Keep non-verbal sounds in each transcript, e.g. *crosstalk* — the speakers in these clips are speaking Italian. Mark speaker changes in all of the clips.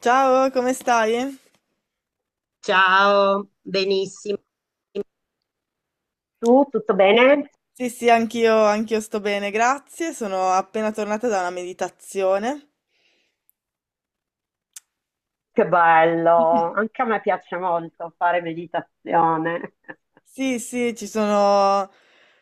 Speaker 1: Ciao, come stai?
Speaker 2: Ciao, benissimo. Tu, tutto bene?
Speaker 1: Sì, sì, anch'io sto bene, grazie. Sono appena tornata da una meditazione.
Speaker 2: Che bello, anche a me piace molto fare meditazione,
Speaker 1: Sì, sì, ci sono,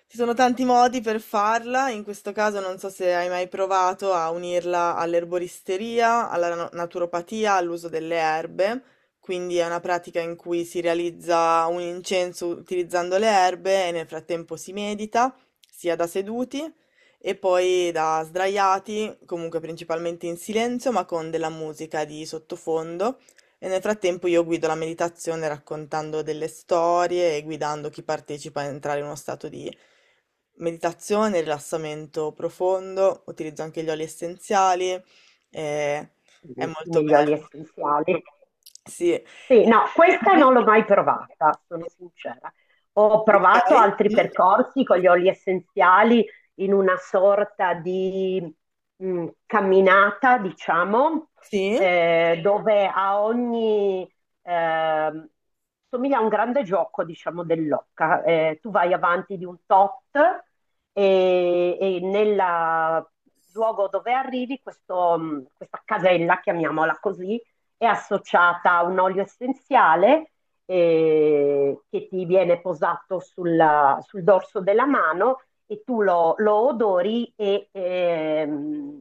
Speaker 1: ci sono tanti modi per farla. In questo caso non so se hai mai provato a unirla all'erboristeria, alla naturopatia, all'uso delle erbe. Quindi è una pratica in cui si realizza un incenso utilizzando le erbe e nel frattempo si medita, sia da seduti e poi da sdraiati, comunque principalmente in silenzio, ma con della musica di sottofondo. E nel frattempo io guido la meditazione raccontando delle storie e guidando chi partecipa a entrare in uno stato di meditazione, rilassamento profondo, utilizzo anche gli oli essenziali, eh, è
Speaker 2: i
Speaker 1: molto
Speaker 2: migliori
Speaker 1: bello.
Speaker 2: essenziali.
Speaker 1: Sì. E-
Speaker 2: Sì, no, questa
Speaker 1: Mhm.
Speaker 2: non l'ho mai provata, sono sincera. Ho
Speaker 1: Ok.
Speaker 2: provato altri
Speaker 1: Mm.
Speaker 2: percorsi con gli oli essenziali in una sorta di camminata, diciamo,
Speaker 1: Sì.
Speaker 2: dove a ogni ehm, somiglia a un grande gioco, diciamo, dell'occa. Tu vai avanti di un tot e nel luogo dove arrivi, questo, questa casella, chiamiamola così, è associata a un olio essenziale che ti viene posato sul dorso della mano e tu lo odori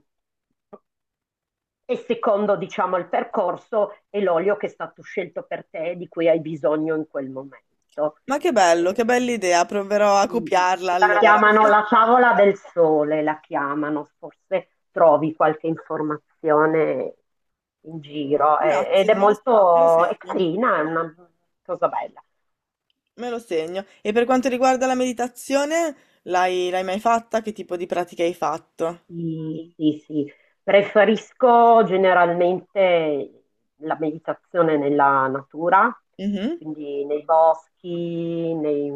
Speaker 2: e secondo diciamo il percorso è l'olio che è stato scelto per te e di cui hai bisogno in quel momento.
Speaker 1: Ma che
Speaker 2: Eh,
Speaker 1: bello, che bella idea, proverò a
Speaker 2: Mm.
Speaker 1: copiarla
Speaker 2: La
Speaker 1: allora.
Speaker 2: chiamano la
Speaker 1: *laughs*
Speaker 2: favola del sole, la chiamano, forse trovi qualche informazione in giro ed
Speaker 1: Grazie,
Speaker 2: è
Speaker 1: me lo
Speaker 2: molto, è
Speaker 1: segno.
Speaker 2: carina, è una cosa bella.
Speaker 1: Me lo segno. E per quanto riguarda la meditazione, l'hai mai fatta? Che tipo di pratica hai fatto?
Speaker 2: Sì, sì, sì. Preferisco generalmente la meditazione nella natura,
Speaker 1: Mhm.
Speaker 2: quindi nei boschi,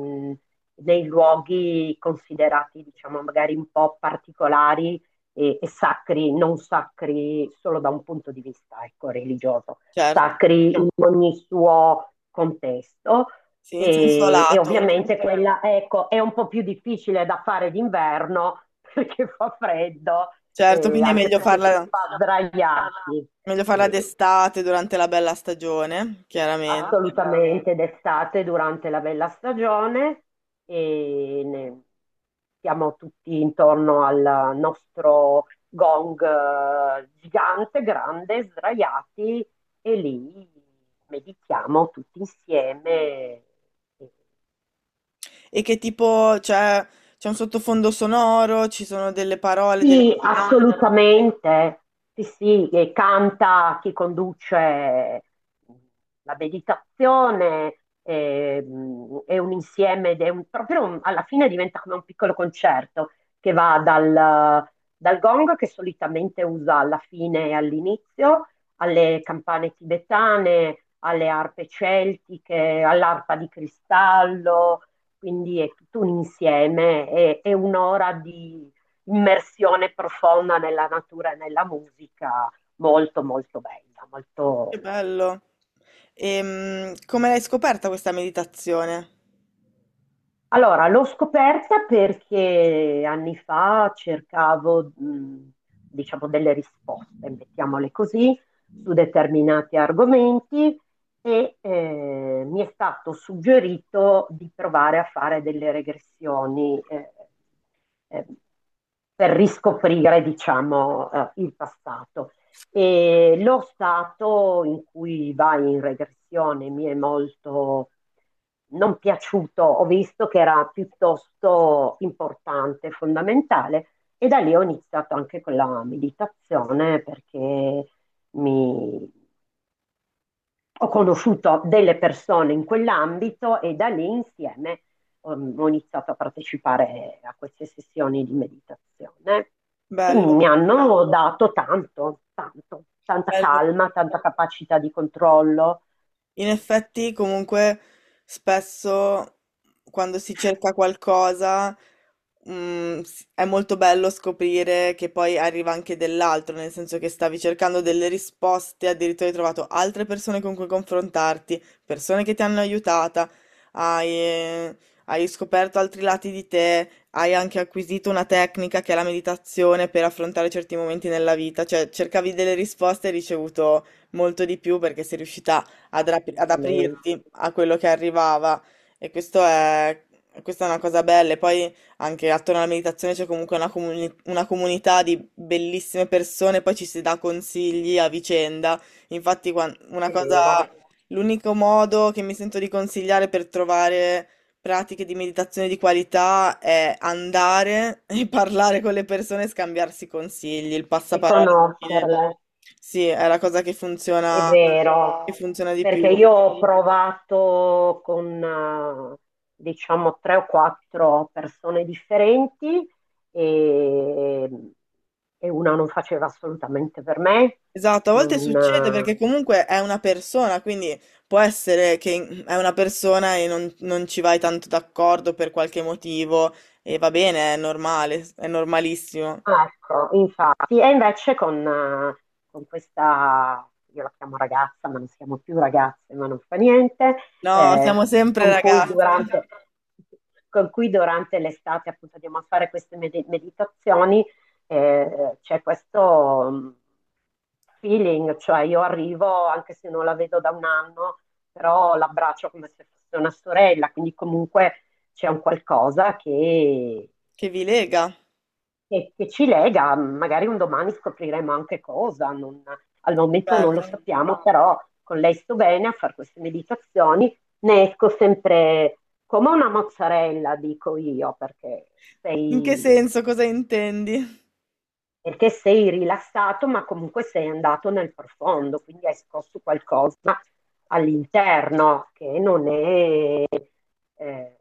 Speaker 2: nei luoghi considerati, diciamo, magari un po' particolari e sacri, non sacri solo da un punto di vista, ecco, religioso,
Speaker 1: Certo,
Speaker 2: sacri in ogni suo contesto.
Speaker 1: sì, in senso
Speaker 2: E
Speaker 1: lato.
Speaker 2: ovviamente. Addirittura. Quella, ecco, è un po' più difficile da fare d'inverno *laughs* perché fa freddo,
Speaker 1: Certo, quindi è
Speaker 2: anche perché si fa sdraiarsi.
Speaker 1: meglio farla
Speaker 2: Sì,
Speaker 1: d'estate, durante la bella stagione, chiaramente.
Speaker 2: assolutamente d'estate durante la bella stagione e siamo tutti intorno al nostro gong gigante, grande, sdraiati e lì meditiamo tutti insieme. E
Speaker 1: E che tipo, cioè, c'è un sottofondo sonoro, ci sono delle parole, delle...
Speaker 2: sì, canta, assolutamente. Sì, sì, e canta chi conduce la meditazione, è un insieme, ed è proprio alla fine diventa come un piccolo concerto che va dal gong che solitamente usa alla fine e all'inizio, alle campane tibetane, alle arpe celtiche, all'arpa di cristallo, quindi è tutto un insieme, è un'ora immersione profonda nella natura e nella musica, molto molto bella, molto.
Speaker 1: Che bello. E come l'hai scoperta questa meditazione?
Speaker 2: Allora, l'ho scoperta perché anni fa cercavo, diciamo, delle risposte, mettiamole così, su determinati argomenti e mi è stato suggerito di provare a fare delle regressioni eh, per riscoprire, diciamo, il passato. E lo stato in cui vai in regressione mi è molto non piaciuto, ho visto che era piuttosto importante, fondamentale e da lì ho iniziato anche con la meditazione perché mi, ho conosciuto delle persone in quell'ambito e da lì insieme ho iniziato a partecipare a queste sessioni di meditazione che
Speaker 1: Bello,
Speaker 2: mi hanno dato tanto, tanto, tanta
Speaker 1: bello.
Speaker 2: calma, tanta capacità di controllo,
Speaker 1: In effetti, comunque, spesso quando si cerca qualcosa, mm, è molto bello scoprire che poi arriva anche dell'altro, nel senso che stavi cercando delle risposte, addirittura hai trovato altre persone con cui confrontarti, persone che ti hanno aiutata, hai, hai scoperto altri lati di te, hai anche acquisito una tecnica che è la meditazione per affrontare certi momenti nella vita, cioè cercavi delle risposte e hai ricevuto molto di più perché sei riuscita ad
Speaker 2: assolutamente,
Speaker 1: aprirti a quello che arrivava e questa è una cosa bella. E poi anche attorno alla meditazione c'è comunque una comunità di bellissime persone, poi ci si dà consigli a vicenda. Infatti, una
Speaker 2: è
Speaker 1: cosa,
Speaker 2: vero,
Speaker 1: l'unico modo che mi sento di consigliare per trovare pratiche di meditazione di qualità è andare *laughs* e parlare con le persone e scambiarsi consigli. Il
Speaker 2: e
Speaker 1: passaparola alla fine,
Speaker 2: conoscerle.
Speaker 1: sì, è la cosa
Speaker 2: È
Speaker 1: che
Speaker 2: vero,
Speaker 1: funziona di
Speaker 2: perché
Speaker 1: più.
Speaker 2: io ho provato con, diciamo, tre o quattro persone differenti e, e una non faceva assolutamente per me,
Speaker 1: Esatto, a
Speaker 2: non,
Speaker 1: volte succede perché
Speaker 2: eh,
Speaker 1: comunque è una persona, quindi può essere che è una persona e non ci vai tanto d'accordo per qualche motivo e va bene, è normale, è normalissimo.
Speaker 2: ecco, infatti, e invece con questa, io la chiamo ragazza, ma non siamo più ragazze, ma non fa niente,
Speaker 1: No,
Speaker 2: eh,
Speaker 1: siamo sempre
Speaker 2: con cui
Speaker 1: ragazze.
Speaker 2: durante, con cui durante l'estate appunto andiamo a fare queste meditazioni, c'è questo feeling, cioè io arrivo anche se non la vedo da un anno, però l'abbraccio come se fosse una sorella, quindi comunque c'è un qualcosa
Speaker 1: Che vi lega.
Speaker 2: che ci lega, magari un domani scopriremo anche cosa, al momento non lo
Speaker 1: Bello.
Speaker 2: sappiamo, però con lei sto bene a fare queste meditazioni, ne esco sempre come una mozzarella, dico io,
Speaker 1: In che
Speaker 2: sei,
Speaker 1: senso, cosa intendi?
Speaker 2: perché sei rilassato, ma comunque sei andato nel profondo, quindi hai scosso qualcosa all'interno che non è eh,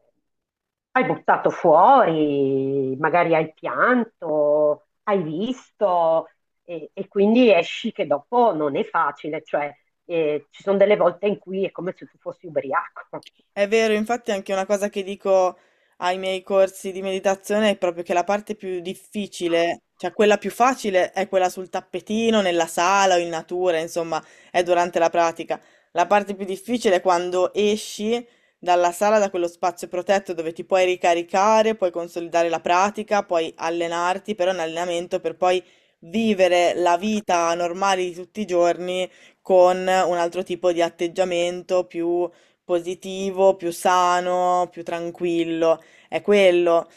Speaker 2: hai buttato fuori, magari hai pianto, hai visto e quindi esci che dopo non è facile, cioè ci sono delle volte in cui è come se tu fossi ubriaco.
Speaker 1: È vero, infatti anche una cosa che dico ai miei corsi di meditazione è proprio che la parte più difficile, cioè quella più facile è quella sul tappetino, nella sala o in natura, insomma, è durante la pratica. La parte più difficile è quando esci dalla sala, da quello spazio protetto dove ti puoi ricaricare, puoi consolidare la pratica, puoi allenarti, però è un allenamento per poi vivere la vita normale di tutti i giorni con un altro tipo di atteggiamento più positivo, più sano, più tranquillo, è quello.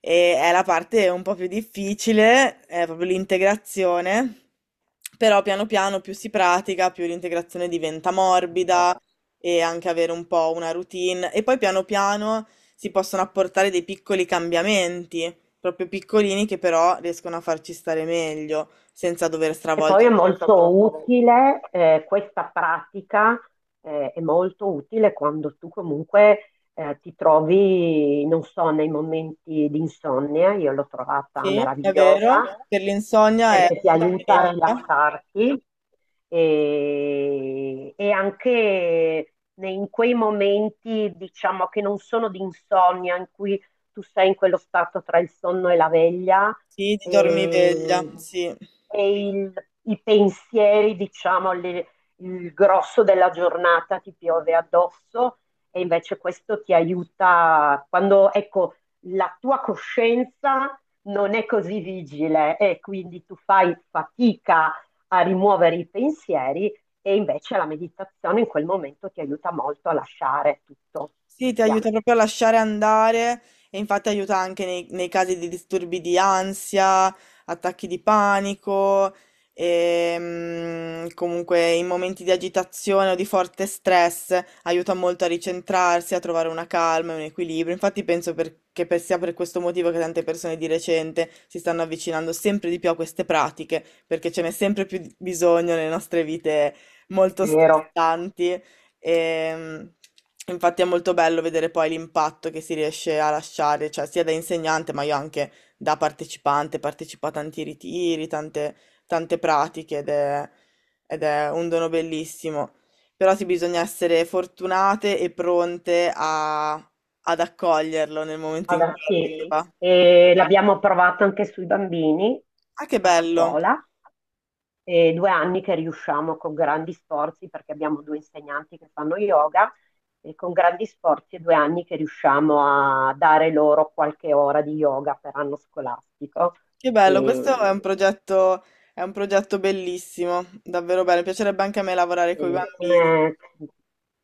Speaker 1: E è la parte un po' più difficile, è proprio l'integrazione, però piano piano più si pratica, più l'integrazione diventa morbida e anche avere un po' una routine. E poi piano piano si possono apportare dei piccoli cambiamenti, proprio piccolini che però riescono a farci stare meglio, senza dover
Speaker 2: E poi è
Speaker 1: stravolgerci,
Speaker 2: molto molto comodo. Utile, questa pratica, è molto utile quando tu comunque ti trovi, non so, nei momenti di insonnia, io l'ho trovata
Speaker 1: è vero,
Speaker 2: meravigliosa
Speaker 1: per l'insonnia è
Speaker 2: perché ti
Speaker 1: molto
Speaker 2: aiuta a
Speaker 1: benefica.
Speaker 2: rilassarti e anche in quei momenti, diciamo, che non sono di insonnia, in cui tu sei in quello stato tra il sonno e la veglia
Speaker 1: Sì, ti dormiveglia,
Speaker 2: e,
Speaker 1: sì.
Speaker 2: e i pensieri, diciamo, il grosso della giornata ti piove addosso e invece questo ti aiuta quando, ecco, la tua coscienza non è così vigile e quindi tu fai fatica a rimuovere i pensieri e invece la meditazione in quel momento ti aiuta molto a lasciare tutto
Speaker 1: Sì,
Speaker 2: e
Speaker 1: ti
Speaker 2: via.
Speaker 1: aiuta proprio a lasciare andare e infatti aiuta anche nei casi di disturbi di ansia, attacchi di panico e mm, comunque in momenti di agitazione o di forte stress aiuta molto a ricentrarsi, a trovare una calma e un equilibrio. Infatti penso sia per questo motivo che tante persone di recente si stanno avvicinando sempre di più a queste pratiche, perché ce n'è sempre più bisogno nelle nostre vite
Speaker 2: È
Speaker 1: molto
Speaker 2: vero.
Speaker 1: stressanti. E infatti è molto bello vedere poi l'impatto che si riesce a lasciare, cioè sia da insegnante, ma io anche da partecipante, partecipo a tanti ritiri, tante, tante pratiche ed è un dono bellissimo. Però sì, bisogna essere fortunate e pronte ad accoglierlo nel momento in cui
Speaker 2: Ada, sì,
Speaker 1: arriva.
Speaker 2: e l'abbiamo provato anche sui bambini
Speaker 1: Ah, che
Speaker 2: a
Speaker 1: bello!
Speaker 2: scuola. E 2 anni che riusciamo con grandi sforzi, perché abbiamo due insegnanti che fanno yoga, e con grandi sforzi è 2 anni che riusciamo a dare loro qualche ora di yoga per anno scolastico.
Speaker 1: Che bello, questo
Speaker 2: E
Speaker 1: è un progetto bellissimo, davvero bello. Mi piacerebbe anche a me lavorare con i
Speaker 2: Eh,
Speaker 1: bambini.
Speaker 2: eh,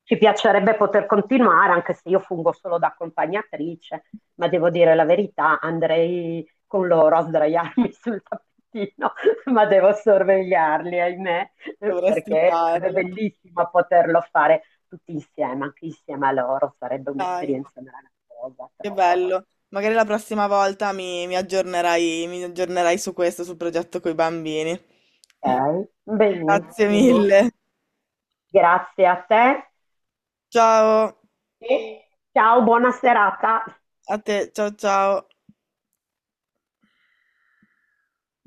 Speaker 2: ci piacerebbe poter continuare, anche se io fungo solo da accompagnatrice, ma devo dire la verità, andrei con loro a sdraiarmi *laughs* sul tappetino, ma devo sorvegliarli, ahimè,
Speaker 1: Dovresti
Speaker 2: perché sarebbe
Speaker 1: farlo,
Speaker 2: bellissimo poterlo fare tutti insieme, anche insieme a loro, sarebbe
Speaker 1: dai,
Speaker 2: un'esperienza meravigliosa,
Speaker 1: che
Speaker 2: trovo.
Speaker 1: bello. Magari la prossima volta mi aggiornerai su questo, sul progetto con i bambini.
Speaker 2: Ok,
Speaker 1: Grazie
Speaker 2: benissimo.
Speaker 1: mille.
Speaker 2: Grazie a te
Speaker 1: Ciao
Speaker 2: e ciao, buona serata.
Speaker 1: a te, ciao ciao.